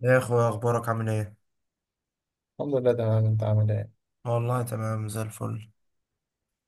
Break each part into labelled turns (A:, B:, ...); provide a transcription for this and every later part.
A: يا اخويا، اخبارك عامل ايه؟
B: الحمد لله تمام، انت عامل ايه؟
A: والله تمام زي الفل.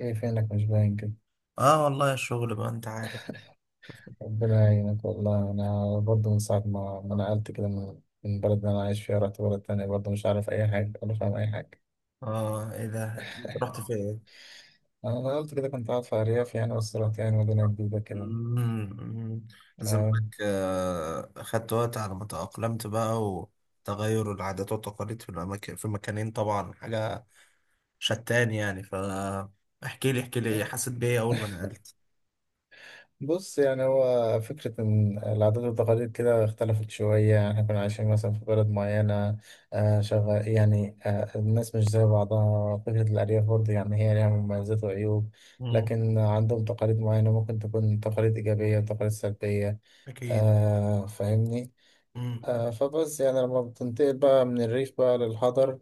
B: ايه فينك مش باين كده؟
A: اه والله الشغل بقى، انت عارف.
B: ربنا يعينك. والله انا برضه من ساعة ما نقلت كده من البلد اللي انا عايش فيها، رحت بلد تانية برضه مش عارف اي حاجة ولا فاهم اي حاجة.
A: اه، ايه ده؟ انت رحت فين؟
B: انا نقلت كده، كنت قاعد في ارياف يعني، بس رحت يعني مدينة جديدة كده،
A: مم.
B: فاهم؟
A: زمانك خدت وقت على ما تأقلمت بقى، وتغير العادات والتقاليد في المكانين، طبعا حاجة شتان يعني. فاحكي لي احكي لي ايه، حسيت بايه اول ما نقلت؟
B: بص، يعني هو فكرة إن العادات والتقاليد كده اختلفت شوية. يعني إحنا كنا عايشين مثلا في بلد معينة. شغال يعني. الناس مش زي بعضها. فكرة الأرياف برضه يعني هي ليها مميزات وعيوب،
A: مم.
B: لكن عندهم تقاليد معينة ممكن تكون تقاليد إيجابية وتقاليد سلبية.
A: اكيد.
B: فاهمني.
A: مم،
B: فبس يعني لما بتنتقل بقى من الريف بقى للحضر،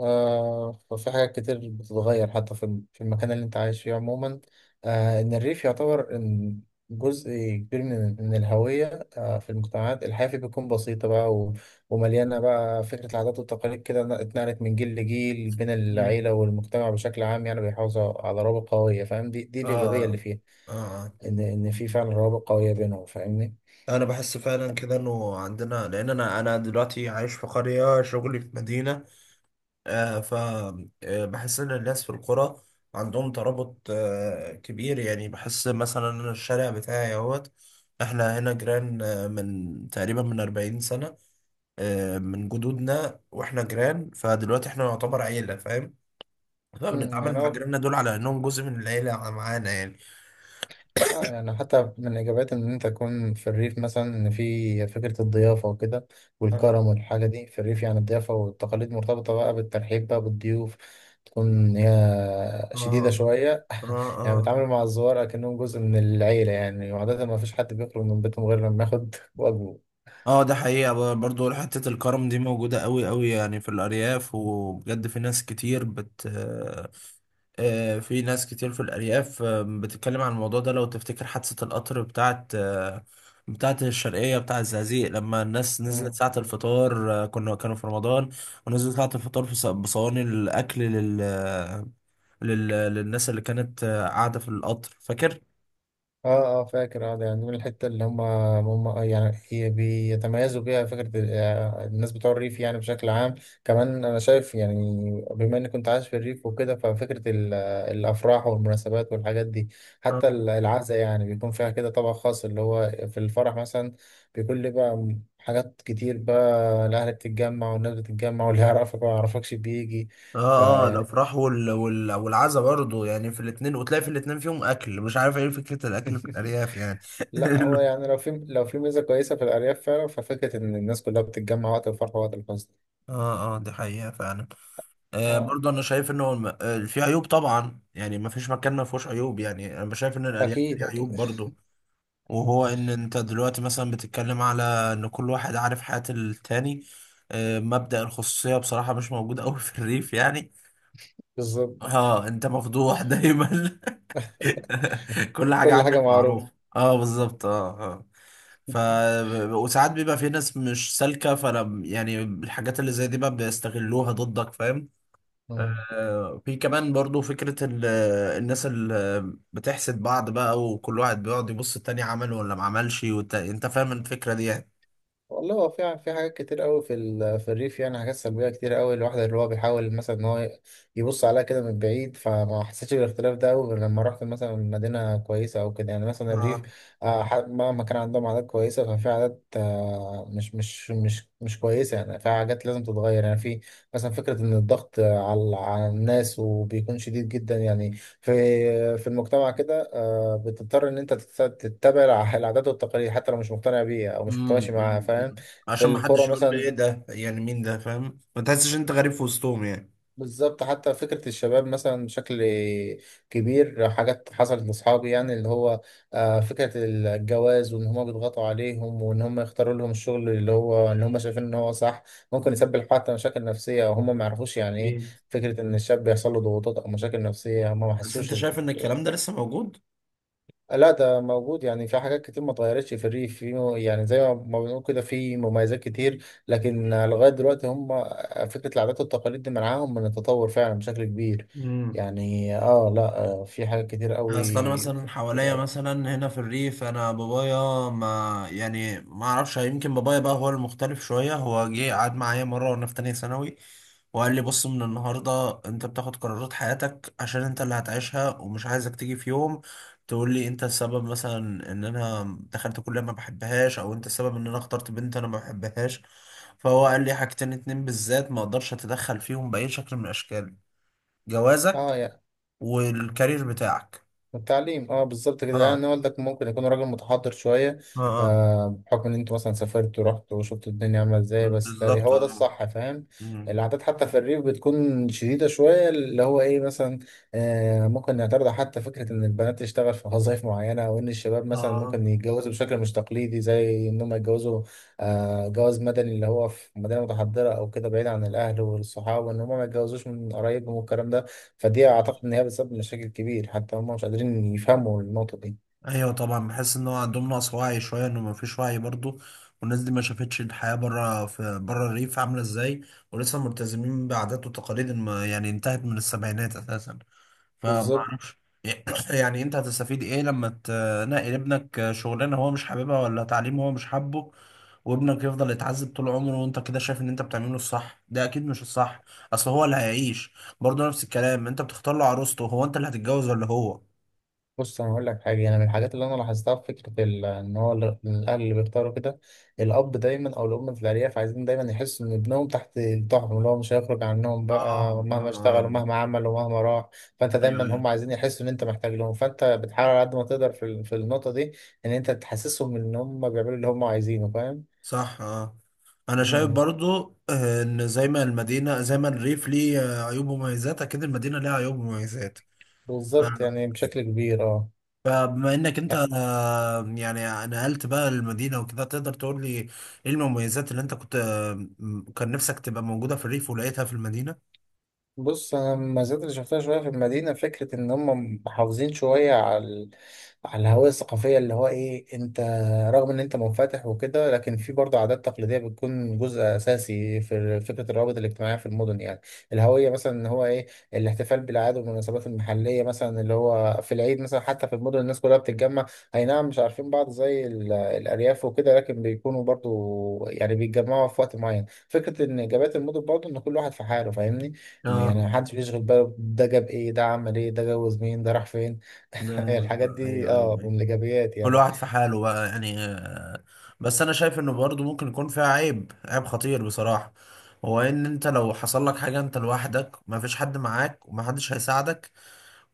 B: ففي حاجات كتير بتتغير حتى في المكان اللي انت عايش فيه عموما. ان الريف يعتبر ان جزء كبير من الهوية. في المجتمعات الحياة فيه بتكون بسيطة بقى ومليانة بقى فكرة العادات والتقاليد كده، اتنقلت من جيل لجيل بين
A: مم.
B: العيلة والمجتمع بشكل عام، يعني بيحافظوا على روابط قوية، فاهم؟ دي الإيجابية اللي
A: اه،
B: فيها،
A: اه.
B: ان في فعلا روابط قوية بينهم، فاهمني؟
A: انا بحس فعلا كده انه عندنا، لان انا دلوقتي عايش في قريه، شغلي في مدينه. آه ف بحس ان الناس في القرى عندهم ترابط كبير، يعني بحس مثلا أنا الشارع بتاعي اهوت. احنا هنا جيران، من تقريبا 40 سنه، من جدودنا واحنا جيران، فدلوقتي احنا نعتبر عيله، فاهم؟ فبنتعامل
B: يعني
A: مع
B: هو
A: جيراننا دول على انهم جزء من العيله معانا، يعني.
B: اه يعني حتى من إجابات إن أنت تكون في الريف مثلا، إن في فكرة الضيافة وكده
A: اه،
B: والكرم والحاجة دي في الريف. يعني الضيافة والتقاليد مرتبطة بقى بالترحيب بقى بالضيوف، تكون هي
A: اه.
B: شديدة شوية
A: آه.
B: يعني
A: آه.
B: بتعامل مع الزوار كأنهم جزء من العيلة، يعني وعادة ما فيش حد بيخرج من بيتهم غير لما ياخد واجبه.
A: اه، ده حقيقة، برضو حتة الكرم دي موجودة قوي قوي، يعني في الأرياف، وبجد في ناس كتير بت آه، في ناس كتير في الأرياف، بتتكلم عن الموضوع ده. لو تفتكر حادثة القطر بتاعت، بتاعت الشرقية، بتاع الزقازيق، لما الناس نزلت ساعة الفطار، كانوا في رمضان، ونزلوا ساعة الفطار بصواني الأكل لل... للناس اللي كانت، قاعدة في القطر، فاكر؟
B: اه، اه فاكر. اه ده يعني من الحته اللي هم يعني هي بيتميزوا بيها فكره الناس بتوع الريف يعني بشكل عام. كمان انا شايف يعني، بما اني كنت عايش في الريف وكده، ففكره الافراح والمناسبات والحاجات دي. حتى
A: آه.
B: العزاء يعني بيكون فيها كده طبق خاص، اللي هو في الفرح مثلا بيكون ليه بقى، حاجات كتير بقى، الاهل بتتجمع والناس بتتجمع واللي يعرفك ما يعرفكش بيجي.
A: اه، اه،
B: فيعني
A: الافراح والعزا برضه، يعني في الاتنين، وتلاقي في الاتنين فيهم اكل، مش عارف، ايه فكرة الاكل في الارياف يعني.
B: لا، هو يعني، لو في، لو في ميزة كويسة في الأرياف فعلا، ففكرة إن الناس كلها بتتجمع وقت الفرح ووقت الفصل.
A: اه، اه، دي حقيقة فعلا.
B: اه.
A: برضه انا شايف انه الم... آه في عيوب طبعا، يعني ما فيش مكان ما فيهوش عيوب، يعني انا شايف ان الارياف
B: أكيد
A: فيها عيوب
B: أكيد.
A: برضه. وهو ان انت دلوقتي مثلا بتتكلم على ان كل واحد عارف حياة التاني. مبدأ الخصوصية بصراحة مش موجود قوي في الريف، يعني.
B: بالظبط،
A: اه، انت مفضوح دايما. كل حاجة
B: كل حاجة
A: عنك
B: معروفة.
A: معروفة. اه، بالظبط، اه، اه. ف وساعات بيبقى في ناس مش سالكة، فلا يعني الحاجات اللي زي دي بقى بيستغلوها ضدك، فاهم؟
B: آه.
A: في كمان برضو فكرة الناس اللي بتحسد بعض بقى، وكل واحد بيقعد يبص التاني عمل ولا ما عملش، انت فاهم الفكرة دي، يعني.
B: والله هو في، في حاجات كتير قوي في الريف، يعني حاجات سلبيه كتير قوي، الواحد اللي هو بيحاول مثلا ان هو يبص عليها كده من بعيد، فما حسيتش بالاختلاف ده قوي غير لما رحت مثلا مدينه كويسه او كده. يعني مثلا
A: اه.
B: الريف، مهما كان عندهم عادات كويسه، ففي عادات مش كويسه، يعني في حاجات لازم تتغير. يعني في مثلا فكره ان الضغط على الناس وبيكون شديد جدا، يعني في في المجتمع كده، بتضطر ان انت تتبع العادات والتقاليد حتى لو مش مقتنع بيها او مش
A: مم،
B: متماشي معاها،
A: مم،
B: فاهم؟
A: مم.
B: في
A: عشان ما
B: القرى
A: حدش يقول لي ايه
B: مثلا،
A: ده، يعني مين ده، فاهم؟ ما تحسش انت غريب في وسطهم، يعني.
B: بالظبط. حتى فكرة الشباب مثلا بشكل كبير، حاجات حصلت لاصحابي، يعني اللي هو فكرة الجواز، وان هم بيضغطوا عليهم، وان هم يختاروا لهم الشغل اللي هو ان هم شايفين ان هو صح. ممكن يسبب حتى مشاكل نفسية، او هم ما يعرفوش يعني ايه
A: إيه.
B: فكرة ان الشاب بيحصل له ضغوطات او مشاكل نفسية هم ما
A: بس انت
B: حسوش.
A: شايف ان الكلام ده لسه موجود؟
B: لا، ده موجود. يعني في حاجات كتير ما اتغيرتش في الريف. في يعني زي ما بنقول كده، في مميزات كتير، لكن لغاية دلوقتي هم فكرة العادات والتقاليد دي منعاهم من التطور فعلا بشكل كبير.
A: مم.
B: يعني اه، لا، في حاجات كتير قوي
A: اصل انا مثلا
B: في-
A: حواليا، مثلا هنا في الريف، انا بابايا ما يعني، ما اعرفش، يمكن بابايا بقى هو المختلف شويه. هو جه قعد معايا مره وانا في تانية ثانوي، وقال لي: بص، من النهارده انت بتاخد قرارات حياتك، عشان انت اللي هتعيشها، ومش عايزك تيجي في يوم تقول لي انت السبب مثلا، ان انا دخلت كليه ما بحبهاش، او انت السبب ان انا اخترت بنت انا ما بحبهاش. فهو قال لي حاجتين اتنين بالذات ما اقدرش اتدخل فيهم باي شكل من الاشكال: جوازك
B: اه يعني
A: والكارير بتاعك.
B: التعليم، اه بالظبط كده.
A: اه،
B: يعني والدك ممكن يكون راجل متحضر شويه،
A: اه، اه،
B: بحكم ان انتوا مثلا سافرت ورحت وشفت الدنيا عامله ازاي، بس ده
A: بالظبط،
B: هو ده
A: اه.
B: الصح، فاهم؟
A: مم.
B: العادات حتى في الريف بتكون شديده شويه، اللي هو ايه مثلا؟ ممكن نعترض حتى فكره ان البنات تشتغل في وظائف معينه، او ان الشباب مثلا
A: اه،
B: ممكن يتجوزوا بشكل مش تقليدي، زي ان هم يتجوزوا جواز مدني، اللي هو في مدينه متحضره او كده بعيد عن الاهل والصحاب، وان هم ما يتجوزوش من قرايبهم والكلام ده. فدي اعتقد ان هي بتسبب مشاكل كبير، حتى هم مش قادرين يفهموا النقطه دي.
A: ايوه طبعا، بحس ان هو عندهم نقص وعي شويه، انه ما فيش وعي برضو. والناس دي ما شافتش الحياه بره، في بره الريف عامله ازاي. ولسه ملتزمين بعادات وتقاليد يعني انتهت من السبعينات اساسا. فما
B: بالظبط.
A: اعرفش، يعني انت هتستفيد ايه لما تنقل ابنك شغلانه هو مش حاببها، ولا تعليم هو مش حابه؟ وابنك يفضل يتعذب طول عمره، وانت كده شايف ان انت بتعمله الصح؟ ده اكيد مش الصح. اصل هو اللي هيعيش. برضه نفس الكلام، انت بتختار له عروسته، هو انت اللي هتتجوز ولا هو؟
B: بص، انا هقول لك حاجه. انا من الحاجات اللي انا لاحظتها في فكره ان هو الاهل اللي بيختاروا كده، الاب دايما او الام في الارياف، عايزين دايما يحسوا ان ابنهم تحت طاعتهم، اللي هو مش هيخرج عنهم
A: اه، آه،
B: بقى مهما
A: آه.
B: اشتغل ومهما عمل ومهما راح. فانت
A: ايوه،
B: دايما هم
A: أيوة.
B: عايزين يحسوا ان انت محتاج لهم، فانت بتحاول على قد ما تقدر في النقطه دي ان انت تحسسهم ان هم بيعملوا اللي هم عايزينه، فاهم؟
A: صح، اه. انا شايف
B: امم
A: برضو، ان زي ما المدينه، زي ما الريف ليه عيوب ومميزات، اكيد المدينه ليها عيوب ومميزات. ف-
B: بالظبط، يعني بشكل كبير، اه.
A: فبما انك انت يعني، نقلت بقى المدينه وكده، تقدر تقول لي ايه المميزات اللي انت كنت، كان نفسك تبقى موجوده في الريف ولقيتها في المدينه؟
B: بص، انا المزايا اللي شفتها شويه في المدينه، فكره ان هم محافظين شويه على الهويه الثقافيه، اللي هو ايه، انت رغم ان انت منفتح وكده لكن في برضه عادات تقليديه بتكون جزء اساسي في فكره الروابط الاجتماعيه في المدن. يعني الهويه مثلا، ان هو ايه، الاحتفال بالاعياد والمناسبات المحليه مثلا، اللي هو في العيد مثلا حتى في المدن الناس كلها بتتجمع. اي نعم، مش عارفين بعض زي الارياف وكده، لكن بيكونوا برضه، يعني بيتجمعوا في وقت معين. فكره ان اجابات المدن برضه ان كل واحد في حاله، فاهمني؟
A: اه.
B: يعني محدش بيشغل باله ده جاب ايه، ده عمل ايه، ده جوز مين، ده راح فين.
A: ده.
B: الحاجات دي
A: ايوه، ايوه،
B: اه
A: ايوه،
B: من الايجابيات،
A: كل
B: يعني
A: واحد في حاله بقى، يعني. بس انا شايف انه برضه ممكن يكون فيها عيب، عيب خطير بصراحة. هو ان انت لو حصل لك حاجة انت لوحدك، ما فيش حد معاك، وما حدش هيساعدك.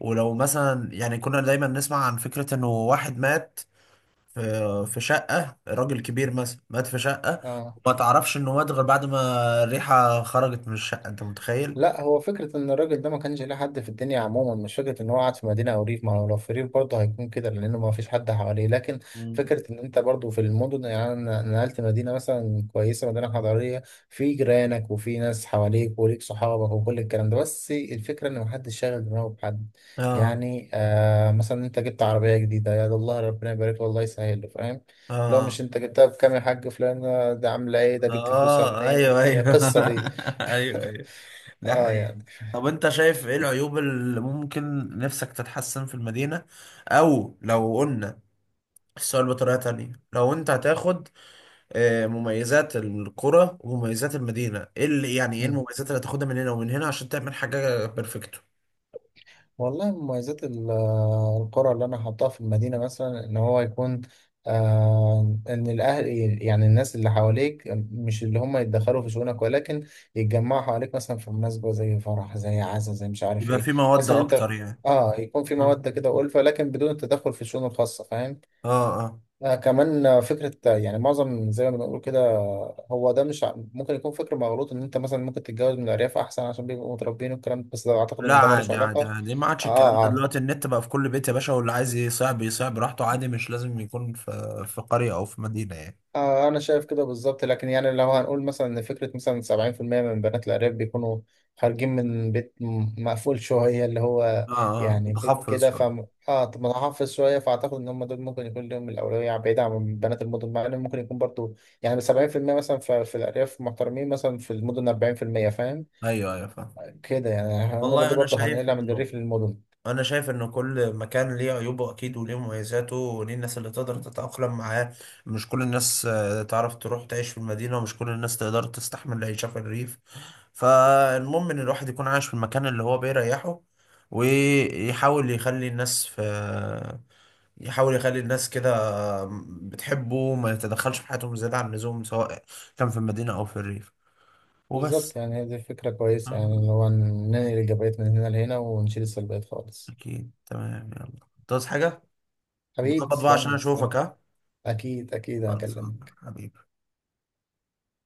A: ولو مثلا، يعني كنا دايما نسمع عن فكرة انه واحد مات في في شقة، راجل كبير مثلا مات في شقة،
B: اه.
A: وما تعرفش انه مات غير بعد ما الريحة خرجت من الشقة. انت متخيل؟
B: لا، هو فكرة إن الراجل ده ما كانش ليه حد في الدنيا عموما، مش فكرة إن هو قاعد في مدينة أو ريف، ما هو لو في ريف برضه هيكون كده لأنه ما فيش حد حواليه. لكن
A: مم.
B: فكرة إن أنت برضه في المدن، يعني أنا نقلت مدينة مثلا كويسة، مدينة حضارية، في جيرانك وفي ناس حواليك وليك صحابك وكل الكلام ده، بس الفكرة إن محدش شاغل دماغه بحد.
A: اه،
B: يعني مثلا أنت جبت عربية جديدة، يا ده الله ربنا يبارك له والله يسهل له، فاهم؟ لو
A: اه،
B: مش أنت جبتها بكام يا حاج فلان، ده عاملة إيه، ده جبت فلوسها
A: اه،
B: منين،
A: ايوه،
B: الحقيقة
A: ايوه.
B: القصة دي
A: ايوه، ايوه. ده
B: اه
A: حقيقي.
B: يعني.
A: طب انت شايف ايه العيوب اللي ممكن نفسك تتحسن في المدينة؟ او لو قلنا السؤال بطريقة تانية، لو انت هتاخد مميزات القرى ومميزات المدينة، ايه اللي يعني، ايه
B: مم.
A: المميزات اللي هتاخدها من هنا ومن هنا عشان تعمل حاجة بيرفكتو؟
B: والله مميزات القرى اللي انا حاطاها في المدينه مثلا، ان هو يكون ان الاهل، يعني الناس اللي حواليك، مش اللي هم يتدخلوا في شؤونك، ولكن يتجمعوا حواليك مثلا في مناسبه زي فرح، زي عزا، زي مش عارف
A: يبقى
B: ايه.
A: في مواد
B: تحس ان انت،
A: اكتر، يعني.
B: اه، يكون في
A: اه،
B: موده كده والفه لكن بدون التدخل في الشؤون الخاصه، فاهم؟
A: اه.
B: كمان فكرة، يعني معظم زي ما بنقول كده، هو ده مش ممكن يكون فكر مغلوط، ان انت مثلا ممكن تتجوز من الارياف احسن عشان بيبقوا متربيين والكلام ده، بس ده اعتقد
A: لا،
B: ان ده ملوش
A: عادي عادي
B: علاقة.
A: عادي، ما عادش الكلام ده
B: اه،
A: دلوقتي، النت بقى في كل بيت يا باشا، واللي عايز يصيع بيصيع براحته عادي، مش لازم يكون في قرية أو في مدينة، يعني.
B: أنا شايف كده بالظبط. لكن يعني لو هنقول مثلا إن فكرة مثلا 70% من بنات الأرياف بيكونوا خارجين من بيت مقفول شوية، اللي هو
A: اه، اه،
B: يعني بيت
A: متخصص
B: كده، ف
A: شوية.
B: متحفظ شوية، فأعتقد إن هم دول ممكن يكون لهم الأولوية بعيدا عن بنات المدن، مع إن ممكن يكون برضو يعني 70% مثلا في, في الأرياف محترمين مثلا في المدن 40%، فاهم؟
A: أيوه، أيوه، فاهم.
B: كده يعني النقطة
A: والله
B: دي
A: أنا
B: برضو
A: شايف
B: هنقلها من
A: إنه
B: الريف للمدن.
A: انا شايف ان كل مكان ليه عيوبه اكيد، وليه مميزاته، وليه الناس اللي تقدر تتأقلم معاه. مش كل الناس تعرف تروح تعيش في المدينة، ومش كل الناس تقدر تستحمل العيشة في الريف. فالمهم ان الواحد يكون عايش في المكان اللي هو بيريحه، ويحاول يخلي الناس في يحاول يخلي الناس كده، بتحبه، ما يتدخلش في حياتهم زيادة عن اللزوم، سواء كان في المدينة او في الريف.
B: بالظبط،
A: وبس.
B: يعني دي فكرة كويسة
A: آه،
B: يعني اللي هو ننقل الإيجابيات من هنا لهنا ونشيل السلبيات خالص.
A: اكيد، تمام، يلا، تعوز حاجة؟
B: حبيبي
A: بظبط بقى،
B: تسلم
A: عشان
B: لي، تسلم.
A: اشوفك، ها.
B: اكيد اكيد
A: خلصان
B: هكلمك.
A: حبيبي.